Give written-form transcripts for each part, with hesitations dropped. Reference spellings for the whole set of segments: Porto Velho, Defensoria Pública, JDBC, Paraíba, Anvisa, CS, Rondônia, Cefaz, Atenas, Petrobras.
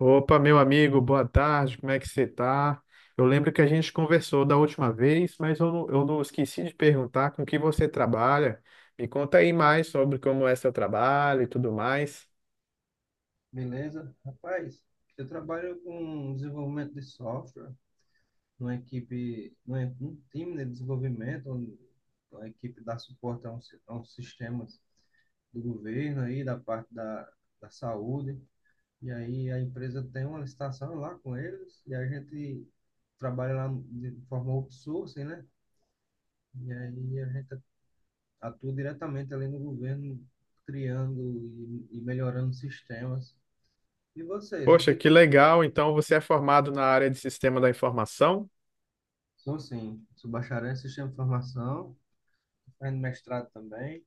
Opa, meu amigo, boa tarde, como é que você tá? Eu lembro que a gente conversou da última vez, mas eu não esqueci de perguntar com que você trabalha. Me conta aí mais sobre como é seu trabalho e tudo mais. Beleza? Rapaz, eu trabalho com desenvolvimento de software numa equipe, num time de desenvolvimento, onde a equipe dá suporte a uns sistemas do governo aí, da saúde. E aí a empresa tem uma licitação lá com eles e a gente trabalha lá de forma outsourcing, né? E aí a gente atua diretamente ali no governo, criando e melhorando sistemas. E você Poxa, tinha. que legal! Então você é formado na área de sistema da informação? Sou sim, sou bacharel em sistema de informação, tô fazendo mestrado também,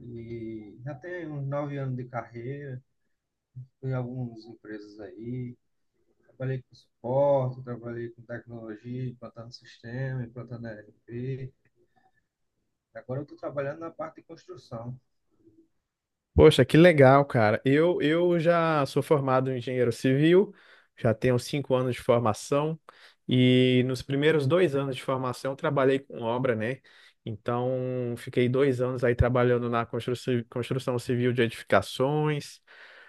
e já tenho uns 9 anos de carreira, fui em algumas empresas aí, trabalhei com suporte, trabalhei com tecnologia, implantando sistema, implantando ERP, agora eu estou trabalhando na parte de construção. Poxa, que legal, cara. Eu já sou formado em engenheiro civil, já tenho 5 anos de formação, e nos primeiros 2 anos de formação eu trabalhei com obra, né? Então, fiquei 2 anos aí trabalhando na construção civil de edificações.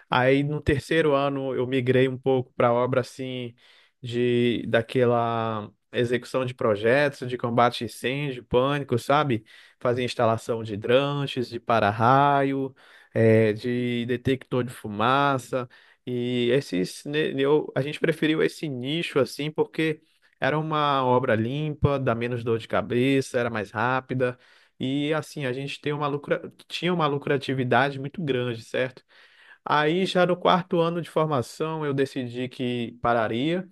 Aí no terceiro ano eu migrei um pouco para obra assim de daquela execução de projetos de combate a incêndio, pânico, sabe? Fazia instalação de hidrantes, de para-raio, de detector de fumaça e esses né, a gente preferiu esse nicho assim porque era uma obra limpa, dá menos dor de cabeça, era mais rápida e assim a gente tinha uma lucratividade muito grande, certo? Aí, já no quarto ano de formação, eu decidi que pararia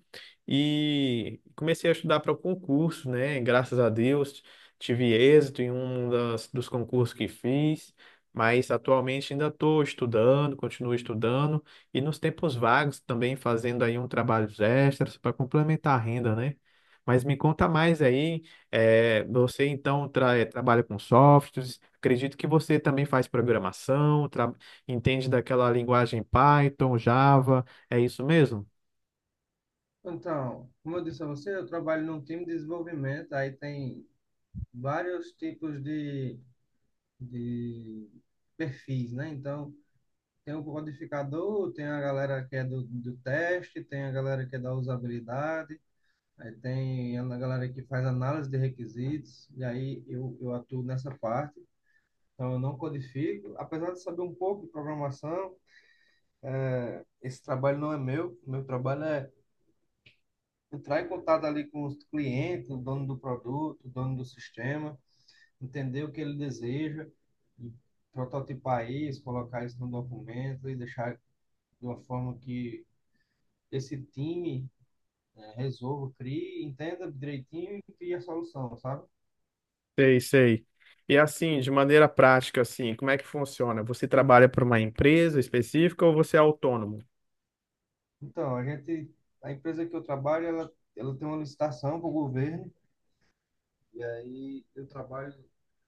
e comecei a estudar para o concurso, né? Graças a Deus, tive êxito em dos concursos que fiz, mas atualmente ainda estou estudando, continuo estudando e nos tempos vagos também fazendo aí um trabalho extras para complementar a renda, né? Mas me conta mais aí, você então trabalha com softwares, acredito que você também faz programação. Entende daquela linguagem Python, Java, é isso mesmo? Então, como eu disse a você, eu trabalho num time de desenvolvimento, aí tem vários tipos de perfis, né? Então, tem o codificador, tem a galera que é do teste, tem a galera que é da usabilidade, aí tem a galera que faz análise de requisitos, e aí eu atuo nessa parte. Então eu não codifico, apesar de saber um pouco de programação, esse trabalho não é meu, meu trabalho é entrar em contato ali com os clientes, o dono do produto, o dono do sistema, entender o que ele deseja, e prototipar isso, colocar isso no documento e deixar de uma forma que esse time, né? Resolva, crie, entenda direitinho e crie a solução, sabe? Sei, sei. E assim, de maneira prática, assim, como é que funciona? Você trabalha para uma empresa específica ou você é autônomo? Então, a gente, a empresa que eu trabalho, ela tem uma licitação para o governo, e aí eu trabalho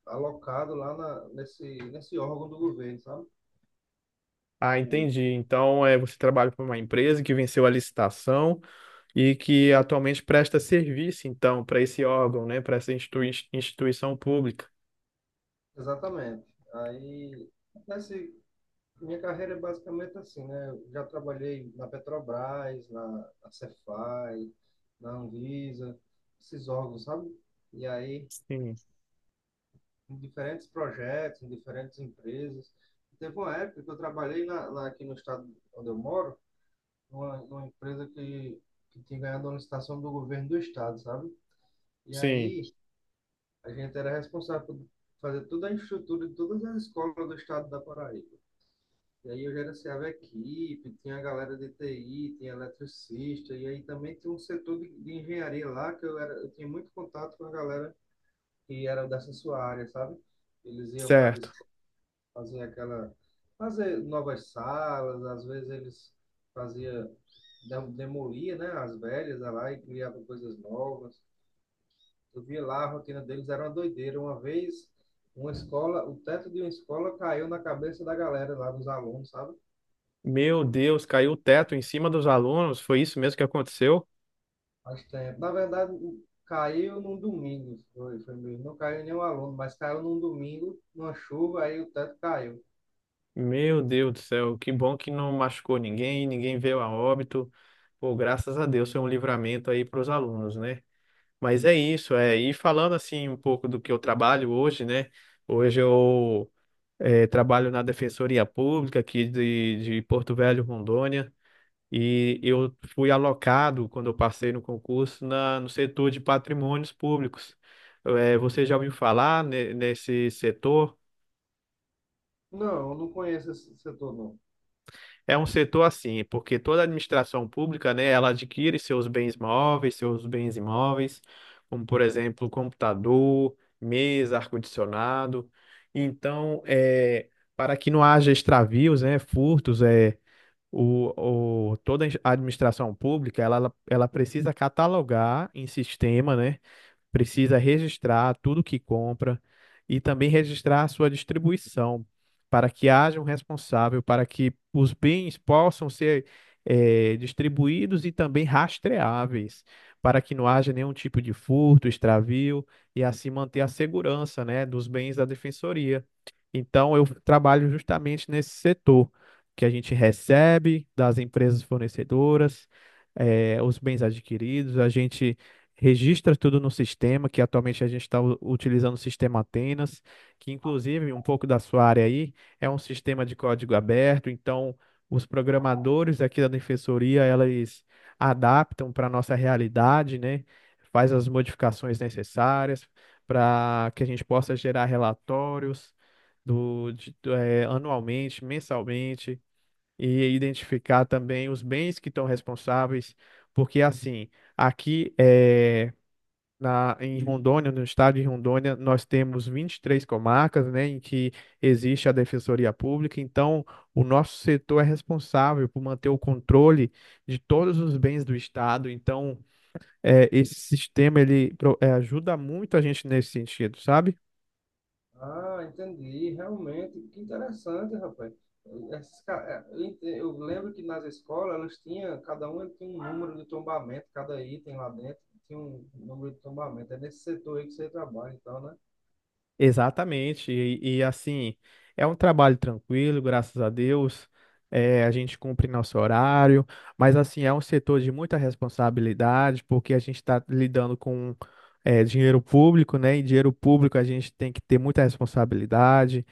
alocado nesse órgão do governo, sabe? Ah, O- entendi. Então, é, você trabalha para uma empresa que venceu a licitação e que atualmente presta serviço, então, para esse órgão, né, para essa instituição pública. Exatamente. Aí, nesse, minha carreira é basicamente assim, né? Eu já trabalhei na Petrobras, na Cefaz, na Anvisa, esses órgãos, sabe? E aí, Sim, em diferentes projetos, em diferentes empresas. Teve uma época que eu trabalhei na, lá aqui no estado onde eu moro, numa empresa que tinha ganhado uma licitação do governo do estado, sabe? E sim, aí a gente era responsável por fazer toda a infraestrutura de todas as escolas do estado da Paraíba. E aí eu gerenciava a equipe, tinha a galera de TI, tinha eletricista, e aí também tinha um setor de engenharia lá, que eu, era, eu tinha muito contato com a galera que era dessa sua área, sabe? Eles iam para as certo. fazer aquela, fazer novas salas, às vezes eles fazia demolia, né, as velhas lá e criava coisas novas. Eu via lá a rotina deles era uma doideira. Uma vez uma escola, o teto de uma escola caiu na cabeça da galera lá dos alunos, sabe? Meu Deus, caiu o teto em cima dos alunos, foi isso mesmo que aconteceu? Faz tempo. Na verdade, caiu num domingo, foi mesmo. Não caiu nenhum aluno, mas caiu num domingo, numa chuva, aí o teto caiu. Meu Deus do céu, que bom que não machucou ninguém, ninguém veio a óbito. Pô, graças a Deus, foi um livramento aí para os alunos, né? Mas é isso, é. E falando assim um pouco do que eu trabalho hoje, né? Hoje eu trabalho na Defensoria Pública aqui de Porto Velho, Rondônia, e eu fui alocado, quando eu passei no concurso, no setor de patrimônios públicos. Você já ouviu falar nesse setor? Não, eu não conheço esse setor, não. É um setor assim, porque toda a administração pública, né, ela adquire seus bens móveis, seus bens imóveis, como por exemplo, computador, mesa, ar-condicionado. Então, é, para que não haja extravios, né, furtos, é, toda a administração pública, ela precisa catalogar em sistema, né, precisa registrar tudo que compra e também registrar a sua distribuição, para que haja um responsável, para que os bens possam ser distribuídos e também rastreáveis, para que não haja nenhum tipo de furto, extravio e assim manter a segurança, né, dos bens da defensoria. Então, eu trabalho justamente nesse setor que a gente recebe das empresas fornecedoras, os bens adquiridos, a gente registra tudo no sistema, que atualmente a gente está utilizando o sistema Atenas, que inclusive um pouco da sua área aí é um sistema de código aberto, então os programadores aqui da defensoria, eles adaptam para a nossa realidade, né? Faz as modificações necessárias para que a gente possa gerar relatórios do, de- do, eh, anualmente, mensalmente, e identificar também os bens que estão responsáveis, porque assim, aqui é, em Rondônia, no estado de Rondônia, nós temos 23 comarcas, né, em que existe a Defensoria Pública. Então, o nosso setor é responsável por manter o controle de todos os bens do estado. Então, é, esse sistema ele ajuda muito a gente nesse sentido, sabe? Ah, entendi. Realmente, que interessante, rapaz. Essas ca- Eu eu lembro que nas escolas elas tinham, cada uma tinha um número de tombamento, cada item lá dentro tinha um número de tombamento. É nesse setor aí que você trabalha, então, né? Exatamente, assim, é um trabalho tranquilo, graças a Deus, é, a gente cumpre nosso horário, mas assim, é um setor de muita responsabilidade, porque a gente está lidando com dinheiro público, né? E dinheiro público a gente tem que ter muita responsabilidade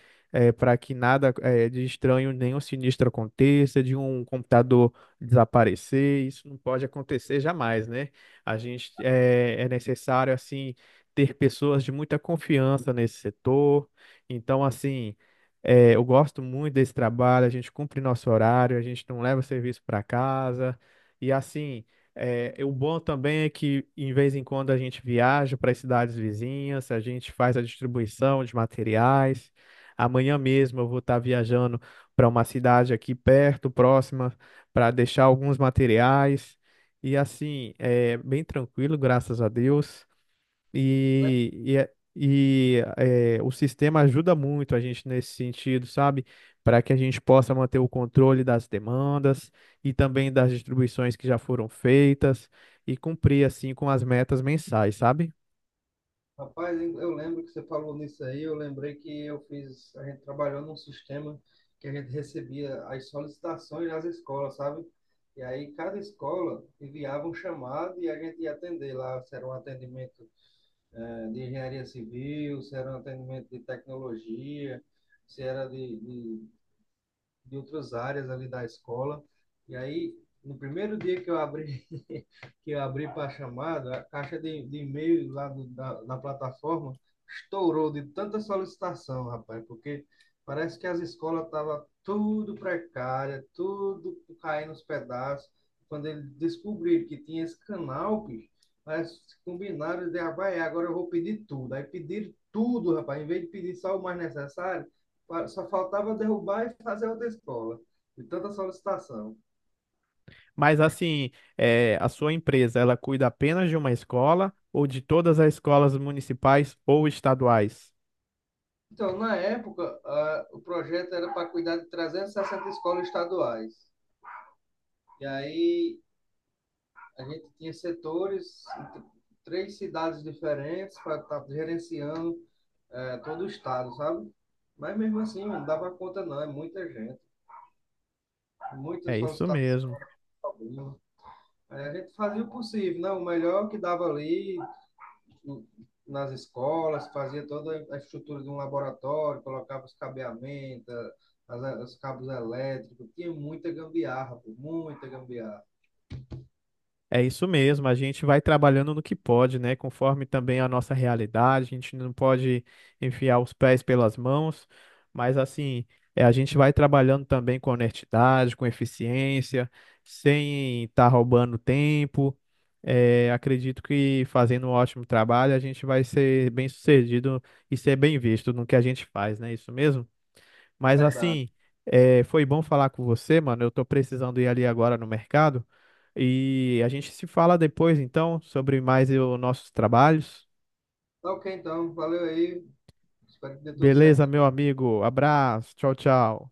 para que nada de estranho, nenhum sinistro aconteça, de um computador desaparecer, isso não pode acontecer jamais, né? A gente é necessário, assim ter pessoas de muita confiança nesse setor. Então, assim, eu gosto muito desse trabalho, a gente cumpre nosso horário, a gente não leva serviço para casa. E, assim, o bom também é que, em vez em quando, a gente viaja para as cidades vizinhas, a gente faz a distribuição de materiais. Amanhã mesmo eu vou estar viajando para uma cidade aqui perto, próxima, para deixar alguns materiais. E assim, é bem tranquilo, graças a Deus. Le- E, o sistema ajuda muito a gente nesse sentido, sabe? Para que a gente possa manter o controle das demandas e também das distribuições que já foram feitas e cumprir, assim, com as metas mensais, sabe? Rapaz, eu lembro que você falou nisso aí, eu lembrei que eu fiz, a gente trabalhou num sistema que a gente recebia as solicitações das escolas, sabe? E aí cada escola enviava um chamado e a gente ia atender lá, se era um atendimento eh, de engenharia civil, se era um atendimento de tecnologia, se era de outras áreas ali da escola. E aí, no primeiro dia que eu abri, que eu abri para a chamada, a caixa de e-mail lá da plataforma estourou de tanta solicitação, rapaz, porque parece que as escolas estavam tudo precária, tudo caindo nos pedaços. Quando eles descobriram que tinha esse canal, bicho, mas combinaram de, ah, vai, agora eu vou pedir tudo. Aí pediram tudo, rapaz, em vez de pedir só o mais necessário, só faltava derrubar e fazer outra escola, de tanta solicitação. Mas, assim, a sua empresa, ela cuida apenas de uma escola ou de todas as escolas municipais ou estaduais? Então, na época, ah, o projeto era para cuidar de 360 escolas estaduais. E aí a gente tinha setores, 3 cidades diferentes, para estar gerenciando todo o estado, sabe? Mas mesmo assim, não dava conta, não. É muita gente, muita É isso solicitação. mesmo. Aí a gente fazia o possível, né? O melhor que dava ali, nas escolas, fazia toda a estrutura de um laboratório, colocava os cabeamentos, os cabos elétricos, tinha muita gambiarra, pô, muita gambiarra, É isso mesmo, a gente vai trabalhando no que pode, né? Conforme também a nossa realidade, a gente não pode enfiar os pés pelas mãos, mas assim, a gente vai trabalhando também com honestidade, com eficiência, sem estar roubando tempo. É, acredito que fazendo um ótimo trabalho, a gente vai ser bem sucedido e ser bem visto no que a gente faz, né? é Isso mesmo? Mas verdade. assim, foi bom falar com você, mano. Eu tô precisando ir ali agora no mercado. E a gente se fala depois, então, sobre mais os nossos trabalhos. Tá ok, então, valeu aí, espero que dê tudo certo Beleza, meu aí. amigo. Abraço. Tchau, tchau.